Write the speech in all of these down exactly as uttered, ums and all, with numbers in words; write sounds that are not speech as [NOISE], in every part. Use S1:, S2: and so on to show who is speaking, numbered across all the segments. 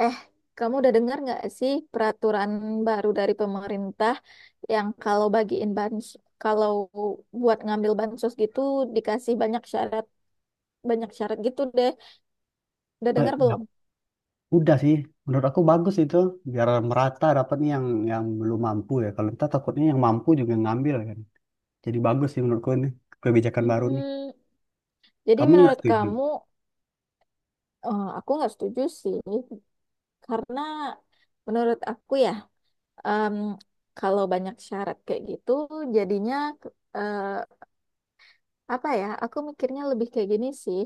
S1: Eh, kamu udah dengar nggak sih peraturan baru dari pemerintah yang kalau bagiin bansos, kalau buat ngambil bansos gitu dikasih banyak syarat, banyak syarat gitu deh. Udah
S2: Eh,
S1: dengar
S2: ya
S1: belum?
S2: udah sih, menurut aku bagus itu biar merata dapatnya yang yang belum mampu ya. Kalau kita takutnya yang mampu juga ngambil kan. Jadi bagus sih menurutku ini kebijakan baru nih.
S1: Hmm, Jadi
S2: Kamu nih nggak
S1: menurut
S2: setuju?
S1: kamu, eh, aku nggak setuju sih, karena menurut aku ya, em, kalau banyak syarat kayak gitu, jadinya eh, apa ya, aku mikirnya lebih kayak gini sih.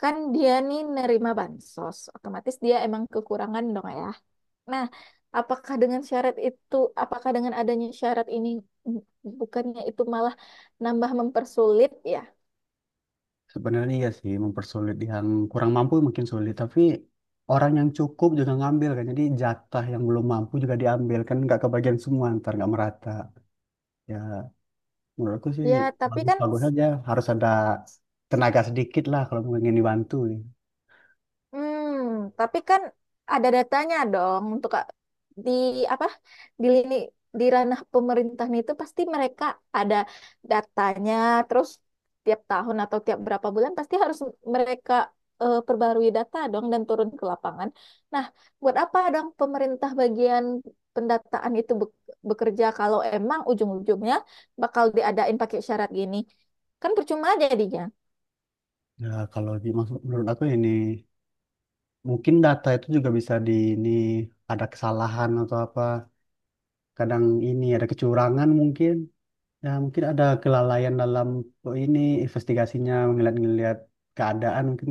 S1: Kan dia nih nerima bansos, otomatis dia emang kekurangan dong ya. Nah, apakah dengan syarat itu apakah dengan adanya syarat ini, mm, bukannya itu malah nambah mempersulit ya?
S2: Sebenarnya iya sih mempersulit yang kurang mampu makin sulit. Tapi orang yang cukup juga ngambil kan. Jadi jatah yang belum mampu juga diambil kan nggak kebagian semua ntar nggak merata. Ya menurutku sih
S1: Ya, tapi kan.
S2: bagus-bagus aja. Harus ada tenaga sedikit lah kalau ingin dibantu. Nih.
S1: Hmm, tapi kan ada datanya dong, untuk Kak- di apa di lini di ranah pemerintahan itu pasti mereka ada datanya. Terus tiap tahun atau tiap berapa bulan pasti harus mereka eh, perbarui data dong, dan turun ke lapangan. Nah, buat apa dong pemerintah bagian pendataan itu bek- bekerja kalau emang ujung-ujungnya bakal diadain pakai syarat gini? Kan percuma jadinya.
S2: Ya kalau dimaksud menurut aku ini mungkin data itu juga bisa di ini ada kesalahan atau apa. Kadang ini ada kecurangan mungkin. Ya mungkin ada kelalaian dalam oh, ini investigasinya ngeliat-ngeliat keadaan mungkin.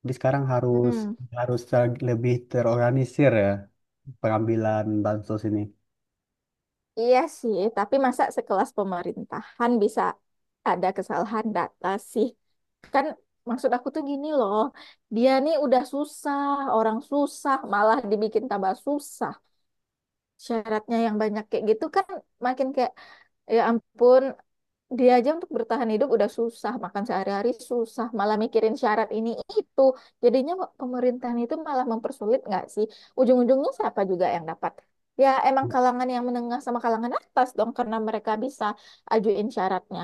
S2: Jadi sekarang harus
S1: Hmm.
S2: harus ter- lebih terorganisir ya pengambilan bansos ini.
S1: Iya sih, tapi masa sekelas pemerintahan bisa ada kesalahan data sih? Kan maksud aku tuh gini loh, dia nih udah susah, orang susah, malah dibikin tambah susah. Syaratnya yang banyak kayak gitu kan makin kayak, ya ampun, dia aja untuk bertahan hidup udah susah, makan sehari-hari susah, malah mikirin syarat ini itu. Jadinya pemerintahan itu malah mempersulit nggak sih? Ujung-ujungnya siapa juga yang dapat? Ya emang
S2: Ya,
S1: kalangan yang menengah sama kalangan atas dong, karena mereka bisa ajuin syaratnya.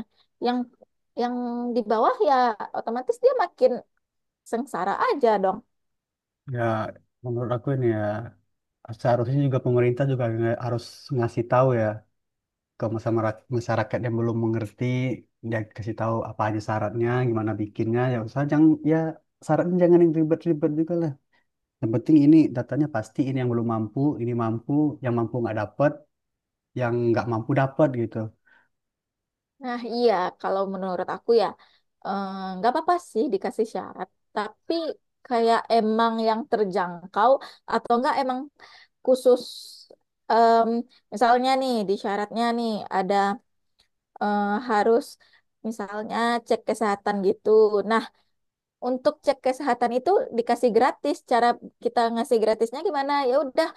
S1: Yang yang di bawah ya otomatis dia makin sengsara aja dong.
S2: ya, menurut aku ini ya seharusnya juga pemerintah juga nge- harus ngasih tahu ya ke masyarakat masyarakat yang belum mengerti, dia kasih tahu apa aja syaratnya gimana bikinnya ya, usah jangan ya syaratnya jangan yang ribet-ribet juga lah, yang penting ini datanya pasti ini yang belum mampu ini mampu, yang mampu nggak dapat, yang nggak mampu dapat gitu.
S1: Nah, iya, kalau menurut aku ya, eh, nggak apa-apa sih dikasih syarat, tapi kayak emang yang terjangkau, atau enggak emang khusus, em, misalnya nih, di syaratnya nih ada, eh, harus misalnya cek kesehatan gitu. Nah, untuk cek kesehatan itu dikasih gratis. Cara kita ngasih gratisnya gimana? Ya udah,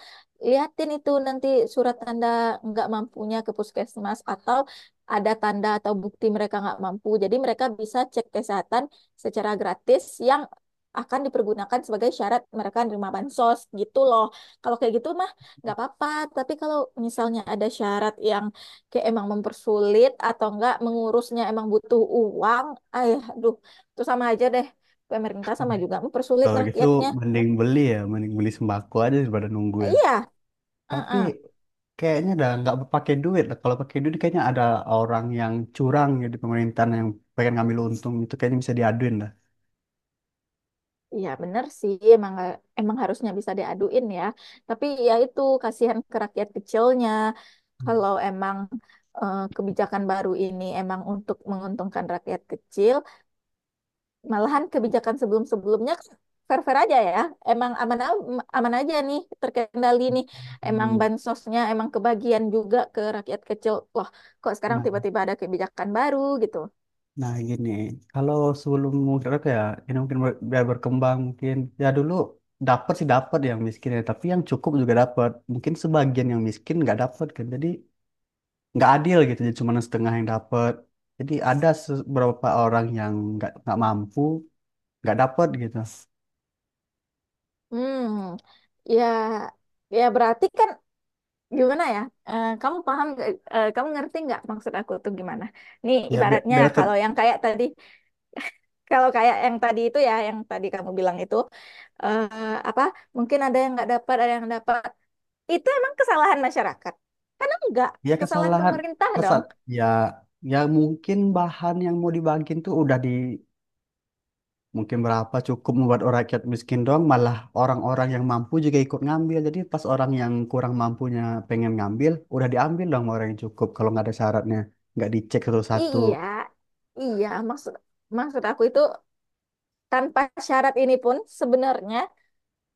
S1: liatin itu nanti surat tanda nggak mampunya ke puskesmas, atau ada tanda atau bukti mereka nggak mampu. Jadi mereka bisa cek kesehatan secara gratis yang akan dipergunakan sebagai syarat mereka menerima bansos gitu loh. Kalau kayak gitu mah nggak apa-apa. Tapi kalau misalnya ada syarat yang kayak emang mempersulit, atau enggak mengurusnya emang butuh uang, ayah, aduh, itu sama aja deh, pemerintah
S2: Hmm.
S1: sama juga mempersulit
S2: Kalau gitu
S1: rakyatnya.
S2: mending beli ya, mending beli sembako aja daripada nunggu ya.
S1: Iya,
S2: Tapi
S1: uh-uh.
S2: kayaknya udah nggak pakai duit lah, kalau pakai duit kayaknya ada orang yang curang ya di pemerintahan yang pengen ngambil untung itu, kayaknya bisa diaduin lah.
S1: Iya bener sih, emang emang harusnya bisa diaduin ya. Tapi ya itu kasihan ke rakyat kecilnya. Kalau emang eh, kebijakan baru ini emang untuk menguntungkan rakyat kecil, malahan kebijakan sebelum-sebelumnya fair-fair aja ya. Emang aman aman aja nih, terkendali nih. Emang
S2: Hmm.
S1: bansosnya emang kebagian juga ke rakyat kecil. Wah, kok sekarang
S2: Nah.
S1: tiba-tiba ada kebijakan baru gitu.
S2: Nah gini, kalau sebelum mungkin apa ya, ini mungkin ber- biar berkembang mungkin, ya dulu dapat sih, dapat yang miskin ya, tapi yang cukup juga dapat. Mungkin sebagian yang miskin nggak dapat kan, jadi nggak adil gitu, jadi cuma setengah yang dapat. Jadi ada se- beberapa orang yang nggak nggak mampu nggak dapat gitu.
S1: Hmm, ya, ya berarti kan, gimana ya? Eh, kamu paham, nggak- eh, kamu ngerti nggak maksud aku tuh gimana? Nih
S2: Ya biar,
S1: ibaratnya
S2: biar
S1: kalau
S2: ter-
S1: yang kayak tadi, kalau kayak yang tadi itu ya, yang tadi kamu bilang itu, eh, apa? Mungkin ada yang nggak dapat, ada yang dapat. Itu emang kesalahan masyarakat? Karena enggak,
S2: ya
S1: kesalahan
S2: kesalahan,
S1: pemerintah dong.
S2: kesal ya, ya mungkin bahan yang mau dibagiin tuh udah di mungkin berapa cukup membuat orang rakyat miskin doang, malah orang-orang yang mampu juga ikut ngambil. Jadi pas orang yang kurang mampunya pengen ngambil, udah diambil dong sama orang yang cukup kalau nggak ada syaratnya, nggak dicek satu-satu.
S1: Iya, iya. Maksud maksud aku itu tanpa syarat ini pun sebenarnya,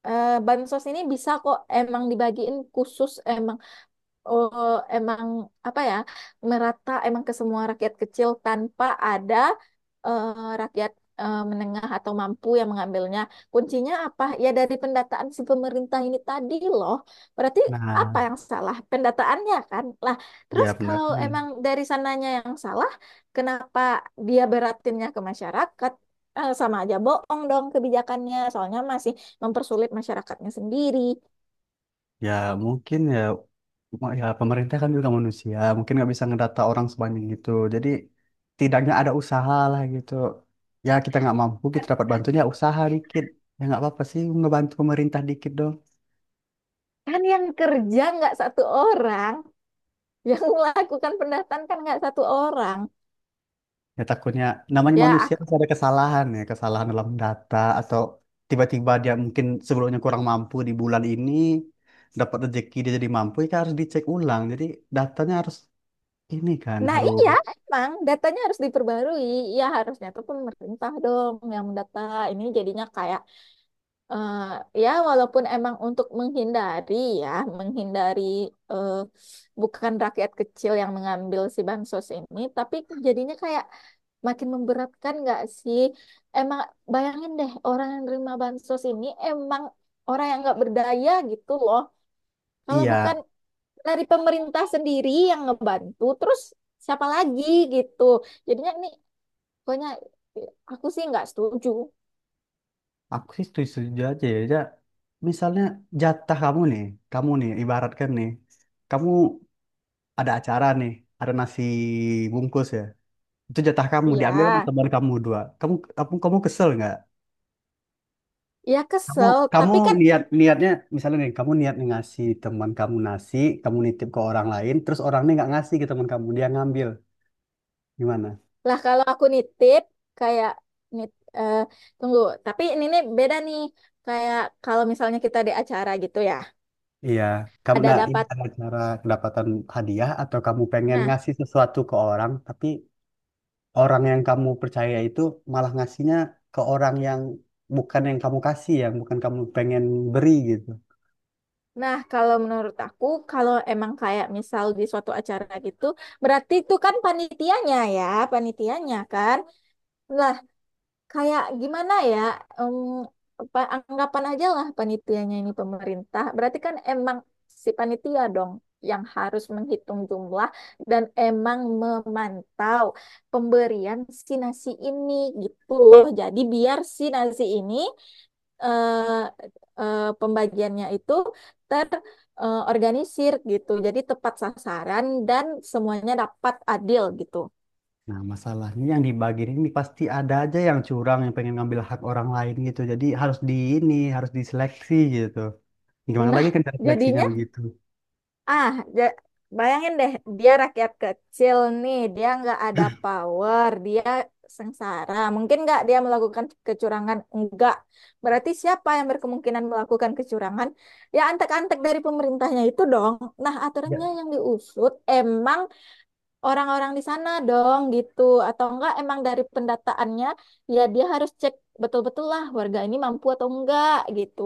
S1: eh, bansos ini bisa kok emang dibagiin khusus, oh, emang apa ya, merata emang ke semua rakyat kecil tanpa ada eh, rakyat eh, menengah atau mampu yang mengambilnya. Kuncinya apa? Ya dari pendataan si pemerintah ini tadi loh. Berarti apa
S2: Nah,
S1: yang salah? Pendataannya kan. Lah, terus
S2: ya
S1: kalau
S2: pendataan.
S1: emang dari sananya yang salah, kenapa dia beratinnya ke masyarakat? Eh, sama aja bohong dong kebijakannya. Soalnya masih mempersulit masyarakatnya sendiri.
S2: Ya mungkin ya, ma- ya pemerintah kan juga manusia, mungkin nggak bisa ngedata orang sebanyak itu. Jadi tidaknya ada usaha lah gitu. Ya kita nggak mampu, kita dapat bantunya usaha dikit. Ya nggak apa-apa sih, ngebantu pemerintah dikit dong.
S1: Kan yang kerja nggak satu orang. Yang melakukan pendataan kan nggak satu orang.
S2: Ya takutnya namanya
S1: ya
S2: manusia
S1: ak-
S2: pasti ada kesalahan ya, kesalahan dalam data atau tiba-tiba dia mungkin sebelumnya kurang mampu, di bulan ini dapat rezeki dia jadi mampu, ya kan harus dicek ulang. Jadi datanya harus ini kan
S1: nah,
S2: harus
S1: iya, emang datanya harus diperbarui. Ya harusnya tuh pemerintah dong yang mendata. Ini jadinya kayak, eh, ya walaupun emang untuk menghindari, ya menghindari, eh, bukan rakyat kecil yang mengambil si bansos ini, tapi jadinya kayak makin memberatkan nggak sih? Emang, bayangin deh, orang yang nerima bansos ini emang orang yang nggak berdaya gitu loh. Kalau bukan
S2: iya,
S1: dari pemerintah sendiri yang ngebantu, terus siapa lagi gitu? Jadinya ini, pokoknya aku sih nggak setuju.
S2: aku sih setuju aja ya. Ja. Misalnya jatah kamu nih, kamu nih ibaratkan nih, kamu ada acara nih, ada nasi bungkus ya. Itu jatah kamu diambil sama
S1: Ya,
S2: teman kamu dua. Kamu kamu kamu kesel nggak?
S1: ya
S2: Kamu
S1: kesel,
S2: kamu
S1: tapi kan.
S2: niat niatnya misalnya nih kamu niat nih ngasih teman kamu nasi, kamu nitip ke orang lain, terus orangnya nggak ngasih ke teman kamu, dia ngambil. Gimana?
S1: Lah, kalau aku nitip, kayak nit eh, tunggu, tapi ini nih beda nih, kayak kalau misalnya kita di acara gitu ya,
S2: Iya, kamu
S1: ada
S2: nah ini
S1: dapat.
S2: ada cara kedapatan hadiah atau kamu pengen
S1: Nah,
S2: ngasih sesuatu ke orang tapi orang yang kamu percaya itu malah ngasihnya ke orang yang bukan yang kamu kasih, yang bukan kamu pengen beri gitu.
S1: nah, kalau menurut aku, kalau emang kayak misal di suatu acara gitu, berarti itu kan panitianya ya, panitianya kan. Nah, kayak gimana ya, em, pa- anggapan aja lah panitianya ini pemerintah, berarti kan emang si panitia dong yang harus menghitung jumlah dan emang memantau pemberian si nasi ini, gitu loh. Jadi biar si nasi ini, eh, eh, pembagiannya itu terorganisir gitu, jadi tepat sasaran dan semuanya dapat adil gitu.
S2: Nah, masalahnya yang dibagiin ini pasti ada aja yang curang yang pengen ngambil hak orang lain gitu. Jadi harus di ini, harus diseleksi gitu. Gimana
S1: Nah,
S2: lagi kan dari seleksinya
S1: jadinya,
S2: begitu.
S1: Ah, ja- bayangin deh, dia rakyat kecil nih, dia nggak ada power, dia sengsara. Mungkin nggak dia melakukan kecurangan? Enggak. Berarti siapa yang berkemungkinan melakukan kecurangan? Ya antek-antek dari pemerintahnya itu dong. Nah, aturannya
S2: Ya,
S1: yang diusut emang orang-orang di sana dong gitu. Atau enggak emang dari pendataannya, ya dia harus cek betul-betul lah warga ini mampu atau enggak gitu.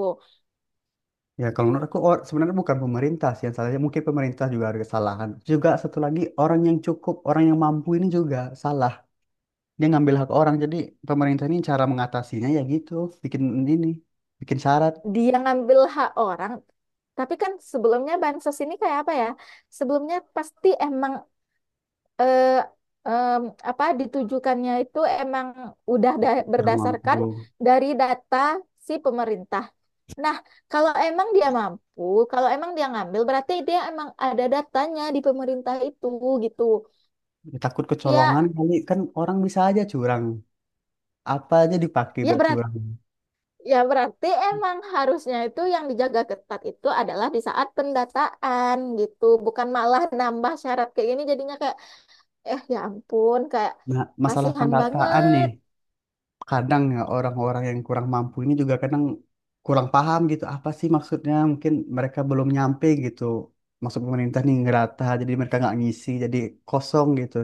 S2: ya kalau menurut aku or- sebenarnya bukan pemerintah sih yang salahnya. Mungkin pemerintah juga ada kesalahan. Juga satu lagi orang yang cukup, orang yang mampu ini juga salah. Dia ngambil hak orang. Jadi pemerintah ini cara mengatasinya ya gitu, bikin ini, bikin syarat
S1: Dia ngambil hak orang, tapi kan sebelumnya bansos ini kayak apa ya, sebelumnya pasti emang eh, em, apa ditujukannya itu emang udah da-
S2: kurang mampu.
S1: berdasarkan dari data si pemerintah. Nah, kalau emang dia mampu, kalau emang dia ngambil, berarti dia emang ada datanya di pemerintah itu gitu.
S2: Ya, takut kecolongan
S1: Ya,
S2: kali kan orang bisa aja curang. Apa aja dipakai
S1: ya
S2: buat curang.
S1: berarti. Ya, berarti emang harusnya itu yang dijaga ketat itu adalah di saat pendataan gitu, bukan malah nambah syarat kayak gini. Jadinya kayak, eh ya ampun, kayak
S2: Nah, masalah
S1: kasihan
S2: pendataan nih.
S1: banget.
S2: Kadang ya orang-orang yang kurang mampu ini juga kadang kurang paham gitu apa sih maksudnya, mungkin mereka belum nyampe gitu maksud pemerintah nih ngerata, jadi mereka nggak ngisi jadi kosong gitu.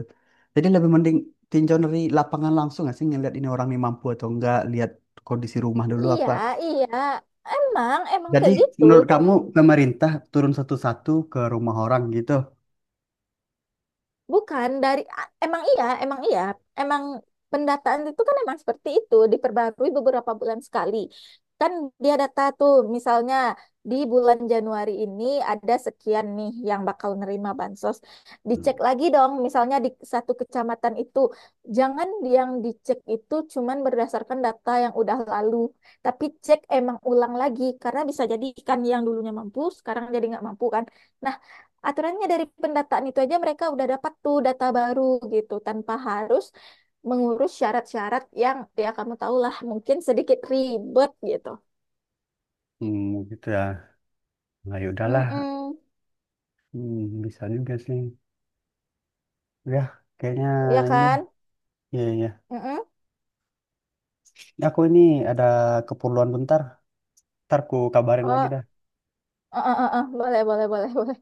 S2: Jadi lebih mending tinjau dari lapangan langsung nggak sih, ngeliat ini orang nih mampu atau enggak, lihat kondisi rumah dulu
S1: Iya,
S2: apa,
S1: iya. Emang emang
S2: jadi
S1: kayak gitu.
S2: menurut kamu pemerintah turun satu-satu ke rumah orang gitu.
S1: Bukan dari a- emang iya, emang iya, emang pendataan itu kan emang seperti itu, diperbarui beberapa bulan sekali. Kan dia data tuh, misalnya di bulan Januari ini ada sekian nih yang bakal nerima bansos.
S2: Hmm,
S1: Dicek lagi dong misalnya di satu kecamatan itu. Jangan yang dicek itu cuman berdasarkan data yang udah lalu, tapi cek emang ulang lagi, karena bisa jadi kan yang dulunya mampu sekarang jadi nggak mampu kan. Nah, aturannya dari pendataan itu aja mereka udah dapat tuh data baru gitu, tanpa harus mengurus syarat-syarat yang, ya, kamu tahulah, mungkin sedikit ribet gitu.
S2: hmm, gitu ya. Nah, ya udahlah.
S1: Mm-mm.
S2: Hmm, bisa juga sih. Ya, kayaknya
S1: Ya
S2: ini.
S1: kan?
S2: Iya, ya
S1: Mm-mm.
S2: aku ini ada keperluan bentar. Ntar ku kabarin lagi
S1: Oh,
S2: dah.
S1: eh, eh, eh, eh. Boleh, boleh, boleh, [LAUGHS] boleh.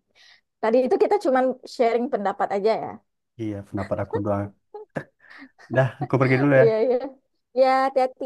S1: Tadi itu kita cuman sharing pendapat aja ya.
S2: Iya, pendapat aku doang. Dah, aku pergi
S1: [LAUGHS]
S2: dulu
S1: Iya,
S2: ya.
S1: iya. Ya, hati-hati.